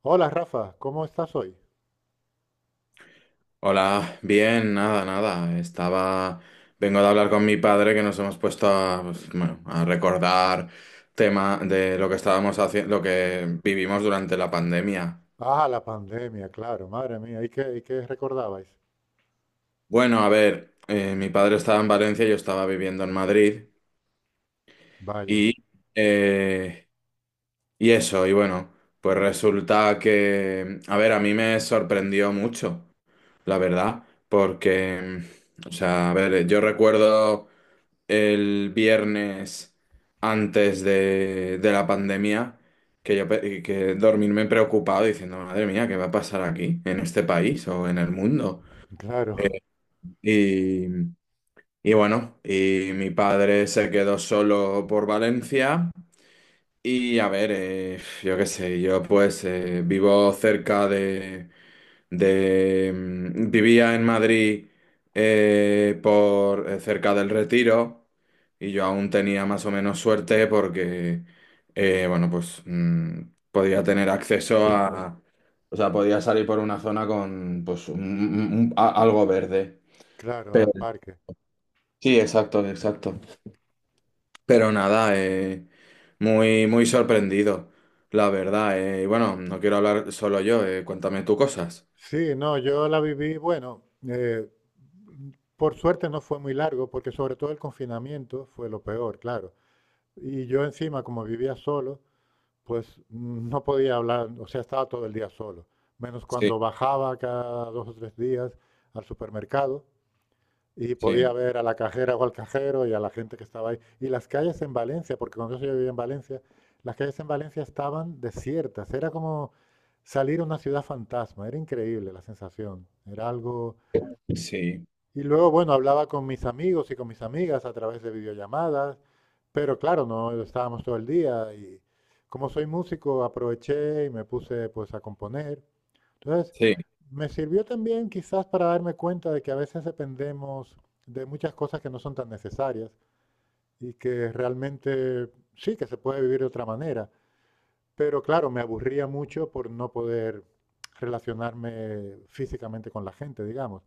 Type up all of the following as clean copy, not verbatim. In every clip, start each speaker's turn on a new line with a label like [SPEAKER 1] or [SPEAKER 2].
[SPEAKER 1] Hola Rafa, ¿cómo estás hoy?
[SPEAKER 2] Hola, bien, nada, nada. Vengo de hablar con mi padre que nos hemos puesto pues, bueno, a recordar tema de lo que estábamos haciendo, lo que vivimos durante la pandemia.
[SPEAKER 1] Ah, la pandemia, claro, madre mía, ¿y qué recordabais?
[SPEAKER 2] Bueno, a ver, mi padre estaba en Valencia, yo estaba viviendo en Madrid
[SPEAKER 1] Vaya,
[SPEAKER 2] y, eh, y eso, y bueno, pues resulta que, a ver, a mí me sorprendió mucho, la verdad, porque, o sea, a ver, yo recuerdo el viernes antes de la pandemia, que que dormirme preocupado diciendo, madre mía, ¿qué va a pasar aquí, en este país o en el mundo?
[SPEAKER 1] claro,
[SPEAKER 2] Y, y bueno, y mi padre se quedó solo por Valencia. Y a ver, yo qué sé, yo pues vivo cerca de, mm, Vivía en Madrid, por cerca del Retiro, y yo aún tenía más o menos suerte porque, bueno, pues podía tener acceso a... O sea, podía salir por una zona con pues algo verde.
[SPEAKER 1] claro, al
[SPEAKER 2] Pero...
[SPEAKER 1] parque.
[SPEAKER 2] Sí, exacto, exacto. Pero nada, muy, muy sorprendido, la verdad. Y bueno, no quiero hablar solo yo, cuéntame tú cosas.
[SPEAKER 1] Sí, no, yo la viví, bueno, eh, por suerte no fue muy largo, porque sobre todo el confinamiento fue lo peor, claro. Y yo encima, como vivía solo, pues no podía hablar, o sea, estaba todo el día solo, menos
[SPEAKER 2] Sí,
[SPEAKER 1] cuando bajaba cada 2 o 3 días al supermercado y
[SPEAKER 2] sí,
[SPEAKER 1] podía ver a la cajera o al cajero y a la gente que estaba ahí. Y las calles en Valencia, porque cuando yo sí vivía en Valencia, las calles en Valencia estaban desiertas. Era como salir a una ciudad fantasma. Era increíble la sensación. Era algo,
[SPEAKER 2] sí,
[SPEAKER 1] y luego, bueno, hablaba con mis amigos y con mis amigas a través de videollamadas, pero claro, no estábamos todo el día, y como soy músico aproveché y me puse pues a componer. Entonces,
[SPEAKER 2] sí,
[SPEAKER 1] me sirvió también quizás para darme cuenta de que a veces dependemos de muchas cosas que no son tan necesarias y que realmente sí que se puede vivir de otra manera, pero claro, me aburría mucho por no poder relacionarme físicamente con la gente, digamos.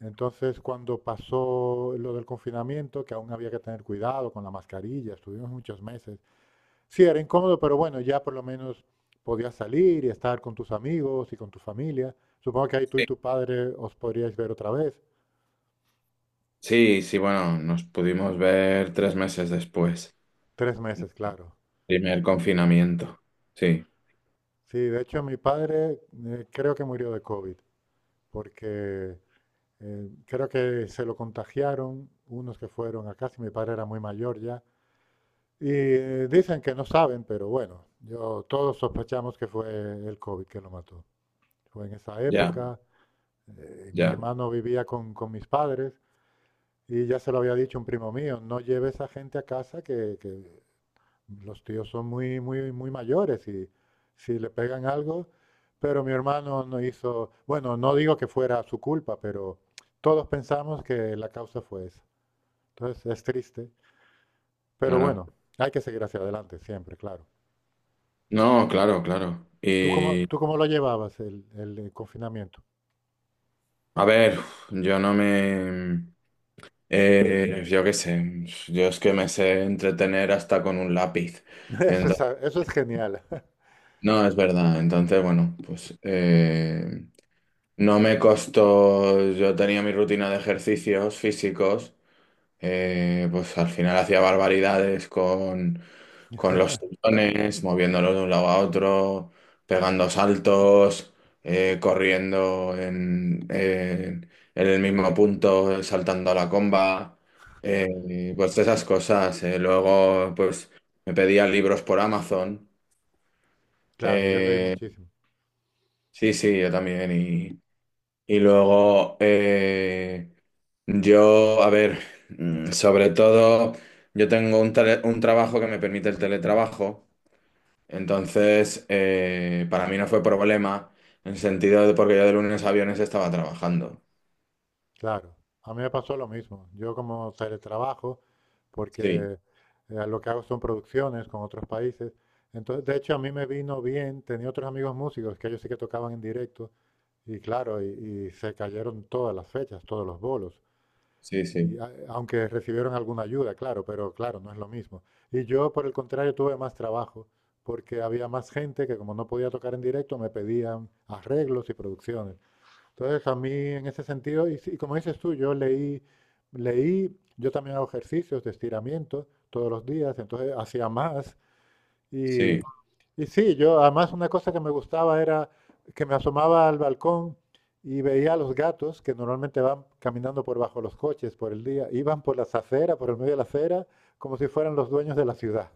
[SPEAKER 1] Entonces, cuando pasó lo del confinamiento, que aún había que tener cuidado con la mascarilla, estuvimos muchos meses. Sí, era incómodo, pero bueno, ya por lo menos podías salir y estar con tus amigos y con tu familia. Supongo que ahí tú y
[SPEAKER 2] sí,
[SPEAKER 1] tu padre os podríais ver otra vez.
[SPEAKER 2] sí, sí, bueno, nos pudimos ver 3 meses después,
[SPEAKER 1] 3 meses, claro.
[SPEAKER 2] primer confinamiento. Sí,
[SPEAKER 1] Sí, de hecho, mi padre creo que murió de COVID, porque creo que se lo contagiaron unos que fueron acá, si mi padre era muy mayor ya. Y dicen que no saben, pero bueno, yo, todos sospechamos que fue el COVID que lo mató. Fue en esa
[SPEAKER 2] ya,
[SPEAKER 1] época, mi
[SPEAKER 2] ya,
[SPEAKER 1] hermano vivía con mis padres, y ya se lo había dicho un primo mío, no lleves a gente a casa, que los tíos son muy, muy, muy mayores, y si le pegan algo, pero mi hermano no hizo, bueno, no digo que fuera su culpa, pero todos pensamos que la causa fue esa. Entonces es triste, pero
[SPEAKER 2] claro.
[SPEAKER 1] bueno, hay que seguir hacia adelante siempre, claro.
[SPEAKER 2] No, claro, claro. Y
[SPEAKER 1] Tú cómo lo llevabas el confinamiento?
[SPEAKER 2] a ver, yo no me... yo qué sé, yo es que me sé entretener hasta con un lápiz.
[SPEAKER 1] Eso es,
[SPEAKER 2] Entonces.
[SPEAKER 1] eso es genial.
[SPEAKER 2] No, es verdad. Entonces, bueno, pues no me costó, yo tenía mi rutina de ejercicios físicos, pues al final hacía barbaridades con los tendones, moviéndolos de un lado a otro, pegando saltos, corriendo en el mismo punto, saltando a la comba, pues esas cosas. Luego, pues me pedía libros por Amazon.
[SPEAKER 1] Claro, yo leí
[SPEAKER 2] eh,
[SPEAKER 1] muchísimo.
[SPEAKER 2] Sí, sí, yo también. Y luego, yo, a ver, sobre todo, yo tengo un trabajo que me permite el teletrabajo. Entonces, para mí no fue problema, en el sentido de porque yo de lunes a viernes estaba trabajando.
[SPEAKER 1] Claro, a mí me pasó lo mismo. Yo como teletrabajo, porque
[SPEAKER 2] Sí,
[SPEAKER 1] lo que hago son producciones con otros países. Entonces, de hecho, a mí me vino bien. Tenía otros amigos músicos que ellos sí que tocaban en directo. Y claro, y se cayeron todas las fechas, todos los bolos.
[SPEAKER 2] sí, sí,
[SPEAKER 1] Y, aunque recibieron alguna ayuda, claro, pero claro, no es lo mismo. Y yo, por el contrario, tuve más trabajo, porque había más gente que como no podía tocar en directo, me pedían arreglos y producciones. Entonces, a mí, en ese sentido, y, sí, y como dices tú, yo leí, leí, yo también hago ejercicios de estiramiento todos los días, entonces hacía más, y,
[SPEAKER 2] sí.
[SPEAKER 1] y sí, yo además una cosa que me gustaba era que me asomaba al balcón y veía a los gatos, que normalmente van caminando por bajo los coches, por el día iban por las aceras, por el medio de la acera, como si fueran los dueños de la ciudad.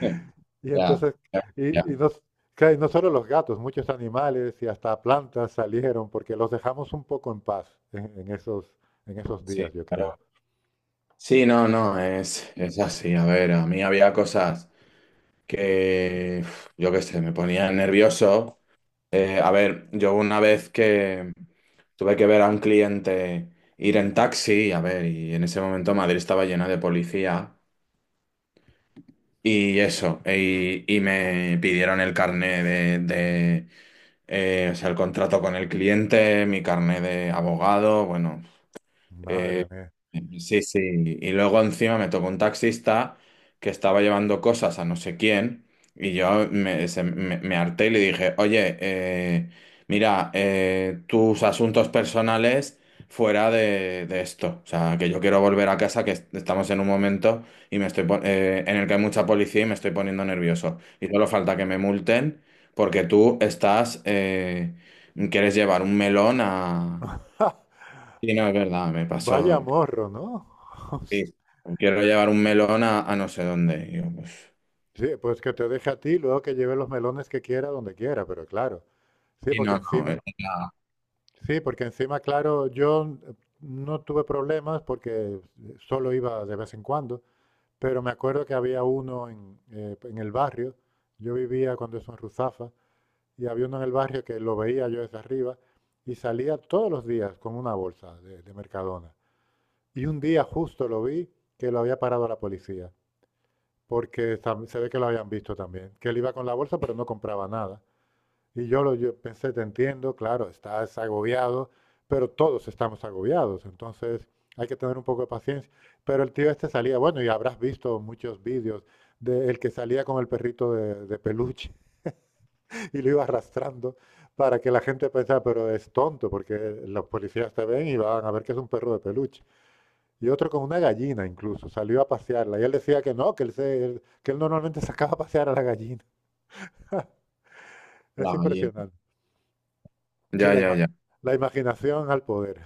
[SPEAKER 1] Y
[SPEAKER 2] Ya,
[SPEAKER 1] entonces,
[SPEAKER 2] ya,
[SPEAKER 1] y
[SPEAKER 2] ya,
[SPEAKER 1] no, claro, y no solo los gatos, muchos animales y hasta plantas salieron porque los dejamos un poco en paz en esos
[SPEAKER 2] sí,
[SPEAKER 1] días, yo
[SPEAKER 2] claro.
[SPEAKER 1] creo.
[SPEAKER 2] Sí, no, no, es así. A ver, a mí había cosas que, uf, yo qué sé, me ponía nervioso. A ver, yo una vez que tuve que ver a un cliente ir en taxi, a ver, y en ese momento Madrid estaba llena de policía. Y eso, y me pidieron el carné o sea, el contrato con el cliente, mi carné de abogado, bueno. eh,
[SPEAKER 1] Madre mía.
[SPEAKER 2] Sí, sí. Y luego encima me tocó un taxista que estaba llevando cosas a no sé quién, y yo me harté y le dije, oye, mira, tus asuntos personales fuera de esto. O sea, que yo quiero volver a casa, que estamos en un momento en el que hay mucha policía y me estoy poniendo nervioso. Y solo falta que me multen porque quieres llevar un melón a... Sí, no, es verdad, me
[SPEAKER 1] Vaya
[SPEAKER 2] pasó.
[SPEAKER 1] morro, ¿no?
[SPEAKER 2] Sí, no quiero llevar un melón a no sé dónde. Y yo, pues,
[SPEAKER 1] Sí, pues que te deje a ti, luego que lleve los melones que quiera, donde quiera, pero claro. Sí,
[SPEAKER 2] y
[SPEAKER 1] porque
[SPEAKER 2] no, no,
[SPEAKER 1] encima,
[SPEAKER 2] es la,
[SPEAKER 1] claro, yo no tuve problemas porque solo iba de vez en cuando, pero me acuerdo que había uno en, en el barrio, yo vivía cuando eso en Ruzafa, y había uno en el barrio que lo veía yo desde arriba, y salía todos los días con una bolsa de Mercadona. Y un día justo lo vi que lo había parado la policía, porque se ve que lo habían visto también, que él iba con la bolsa pero no compraba nada. Y yo, yo pensé, te entiendo, claro, estás agobiado, pero todos estamos agobiados, entonces hay que tener un poco de paciencia. Pero el tío este salía, bueno, y habrás visto muchos vídeos de el que salía con el perrito de peluche y lo iba arrastrando para que la gente pensara, pero es tonto, porque los policías te ven y van a ver que es un perro de peluche. Y otro con una gallina incluso, salió a pasearla. Y él decía que no, que él, que él normalmente sacaba a pasear a la gallina. Es
[SPEAKER 2] la gallina.
[SPEAKER 1] impresionante. Sí,
[SPEAKER 2] Ya, ya, ya.
[SPEAKER 1] la imaginación al poder.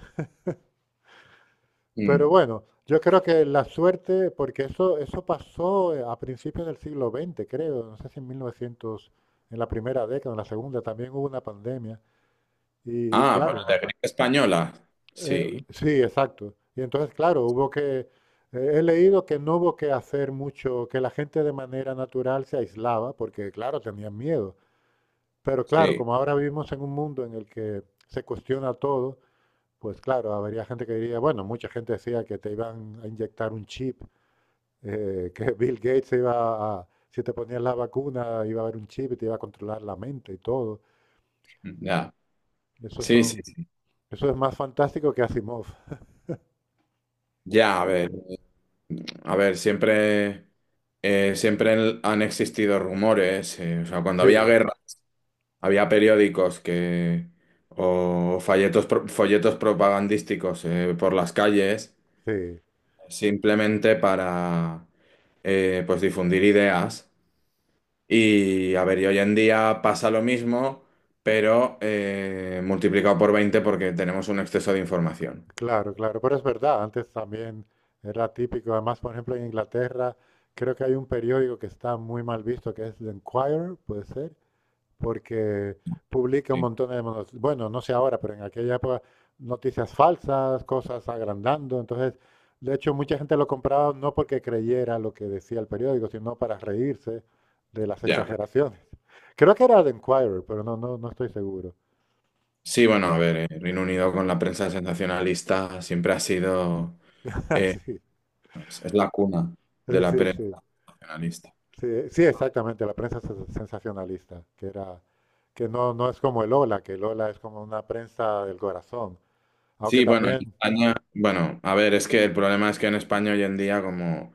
[SPEAKER 2] Mm.
[SPEAKER 1] Pero bueno, yo creo que la suerte, porque eso pasó a principios del siglo XX, creo, no sé si en 1900, en la primera década, en la segunda, también hubo una pandemia. Y
[SPEAKER 2] Ah, pero
[SPEAKER 1] claro,
[SPEAKER 2] de gripe española. Sí,
[SPEAKER 1] Sí, exacto. Y entonces, claro, hubo que, he leído que no hubo que hacer mucho, que la gente de manera natural se aislaba, porque claro, tenían miedo. Pero claro,
[SPEAKER 2] sí,
[SPEAKER 1] como ahora vivimos en un mundo en el que se cuestiona todo, pues claro, habría gente que diría, bueno, mucha gente decía que te iban a inyectar un chip, que Bill Gates se iba a, si te ponías la vacuna, iba a haber un chip y te iba a controlar la mente y todo.
[SPEAKER 2] ya.
[SPEAKER 1] Eso
[SPEAKER 2] Sí, sí,
[SPEAKER 1] son,
[SPEAKER 2] sí.
[SPEAKER 1] eso es más fantástico que Asimov.
[SPEAKER 2] Ya, a ver. A ver, siempre han existido rumores. O sea, cuando
[SPEAKER 1] Sí,
[SPEAKER 2] había guerra, había periódicos que, o folletos, folletos propagandísticos, por las calles,
[SPEAKER 1] sí,
[SPEAKER 2] simplemente para pues difundir ideas. Y a ver, y hoy en día pasa lo mismo, pero multiplicado por 20 porque tenemos un exceso de información.
[SPEAKER 1] Claro, claro, pero es verdad, antes también era típico, además, por ejemplo, en Inglaterra creo que hay un periódico que está muy mal visto, que es The Enquirer, puede ser, porque publica un
[SPEAKER 2] Sí.
[SPEAKER 1] montón de, bueno, no sé ahora, pero en aquella época noticias falsas, cosas agrandando, entonces, de hecho, mucha gente lo compraba no porque creyera lo que decía el periódico, sino para reírse de las
[SPEAKER 2] Ya.
[SPEAKER 1] exageraciones. Creo que era The Enquirer, pero no, no, no estoy seguro.
[SPEAKER 2] Sí, bueno, a ver, Reino Unido con la prensa sensacionalista siempre ha sido, eh, es la cuna de
[SPEAKER 1] Sí,
[SPEAKER 2] la
[SPEAKER 1] sí, sí.
[SPEAKER 2] prensa sensacionalista.
[SPEAKER 1] Sí, sí, exactamente, la prensa sensacionalista, que era, que no, no es como el Ola, que el Ola es como una prensa del corazón, aunque
[SPEAKER 2] Sí, bueno, en
[SPEAKER 1] también,
[SPEAKER 2] España, bueno, a ver, es que el problema es que en España hoy en día como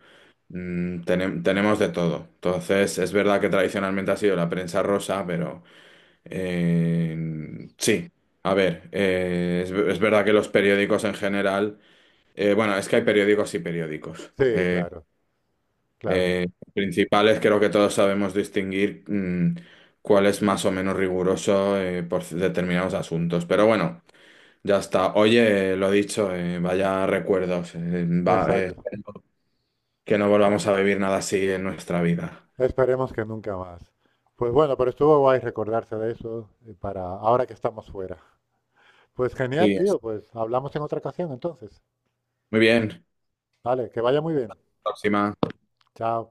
[SPEAKER 2] tenemos de todo. Entonces, es verdad que tradicionalmente ha sido la prensa rosa, pero eh, sí, a ver, es verdad que los periódicos en general, bueno, es que hay periódicos y periódicos.
[SPEAKER 1] sí, claro, claro,
[SPEAKER 2] Eh, principales, creo que todos sabemos distinguir cuál es más o menos riguroso, por determinados asuntos. Pero bueno. Ya está. Oye, lo dicho, vaya recuerdos.
[SPEAKER 1] exacto.
[SPEAKER 2] Que no volvamos a vivir nada así en nuestra vida.
[SPEAKER 1] Esperemos que nunca más. Pues bueno, pero estuvo guay recordarse de eso para ahora que estamos fuera. Pues genial,
[SPEAKER 2] Sí,
[SPEAKER 1] tío, pues hablamos en otra ocasión entonces.
[SPEAKER 2] muy bien.
[SPEAKER 1] Vale, que vaya muy bien.
[SPEAKER 2] Próxima.
[SPEAKER 1] Chao.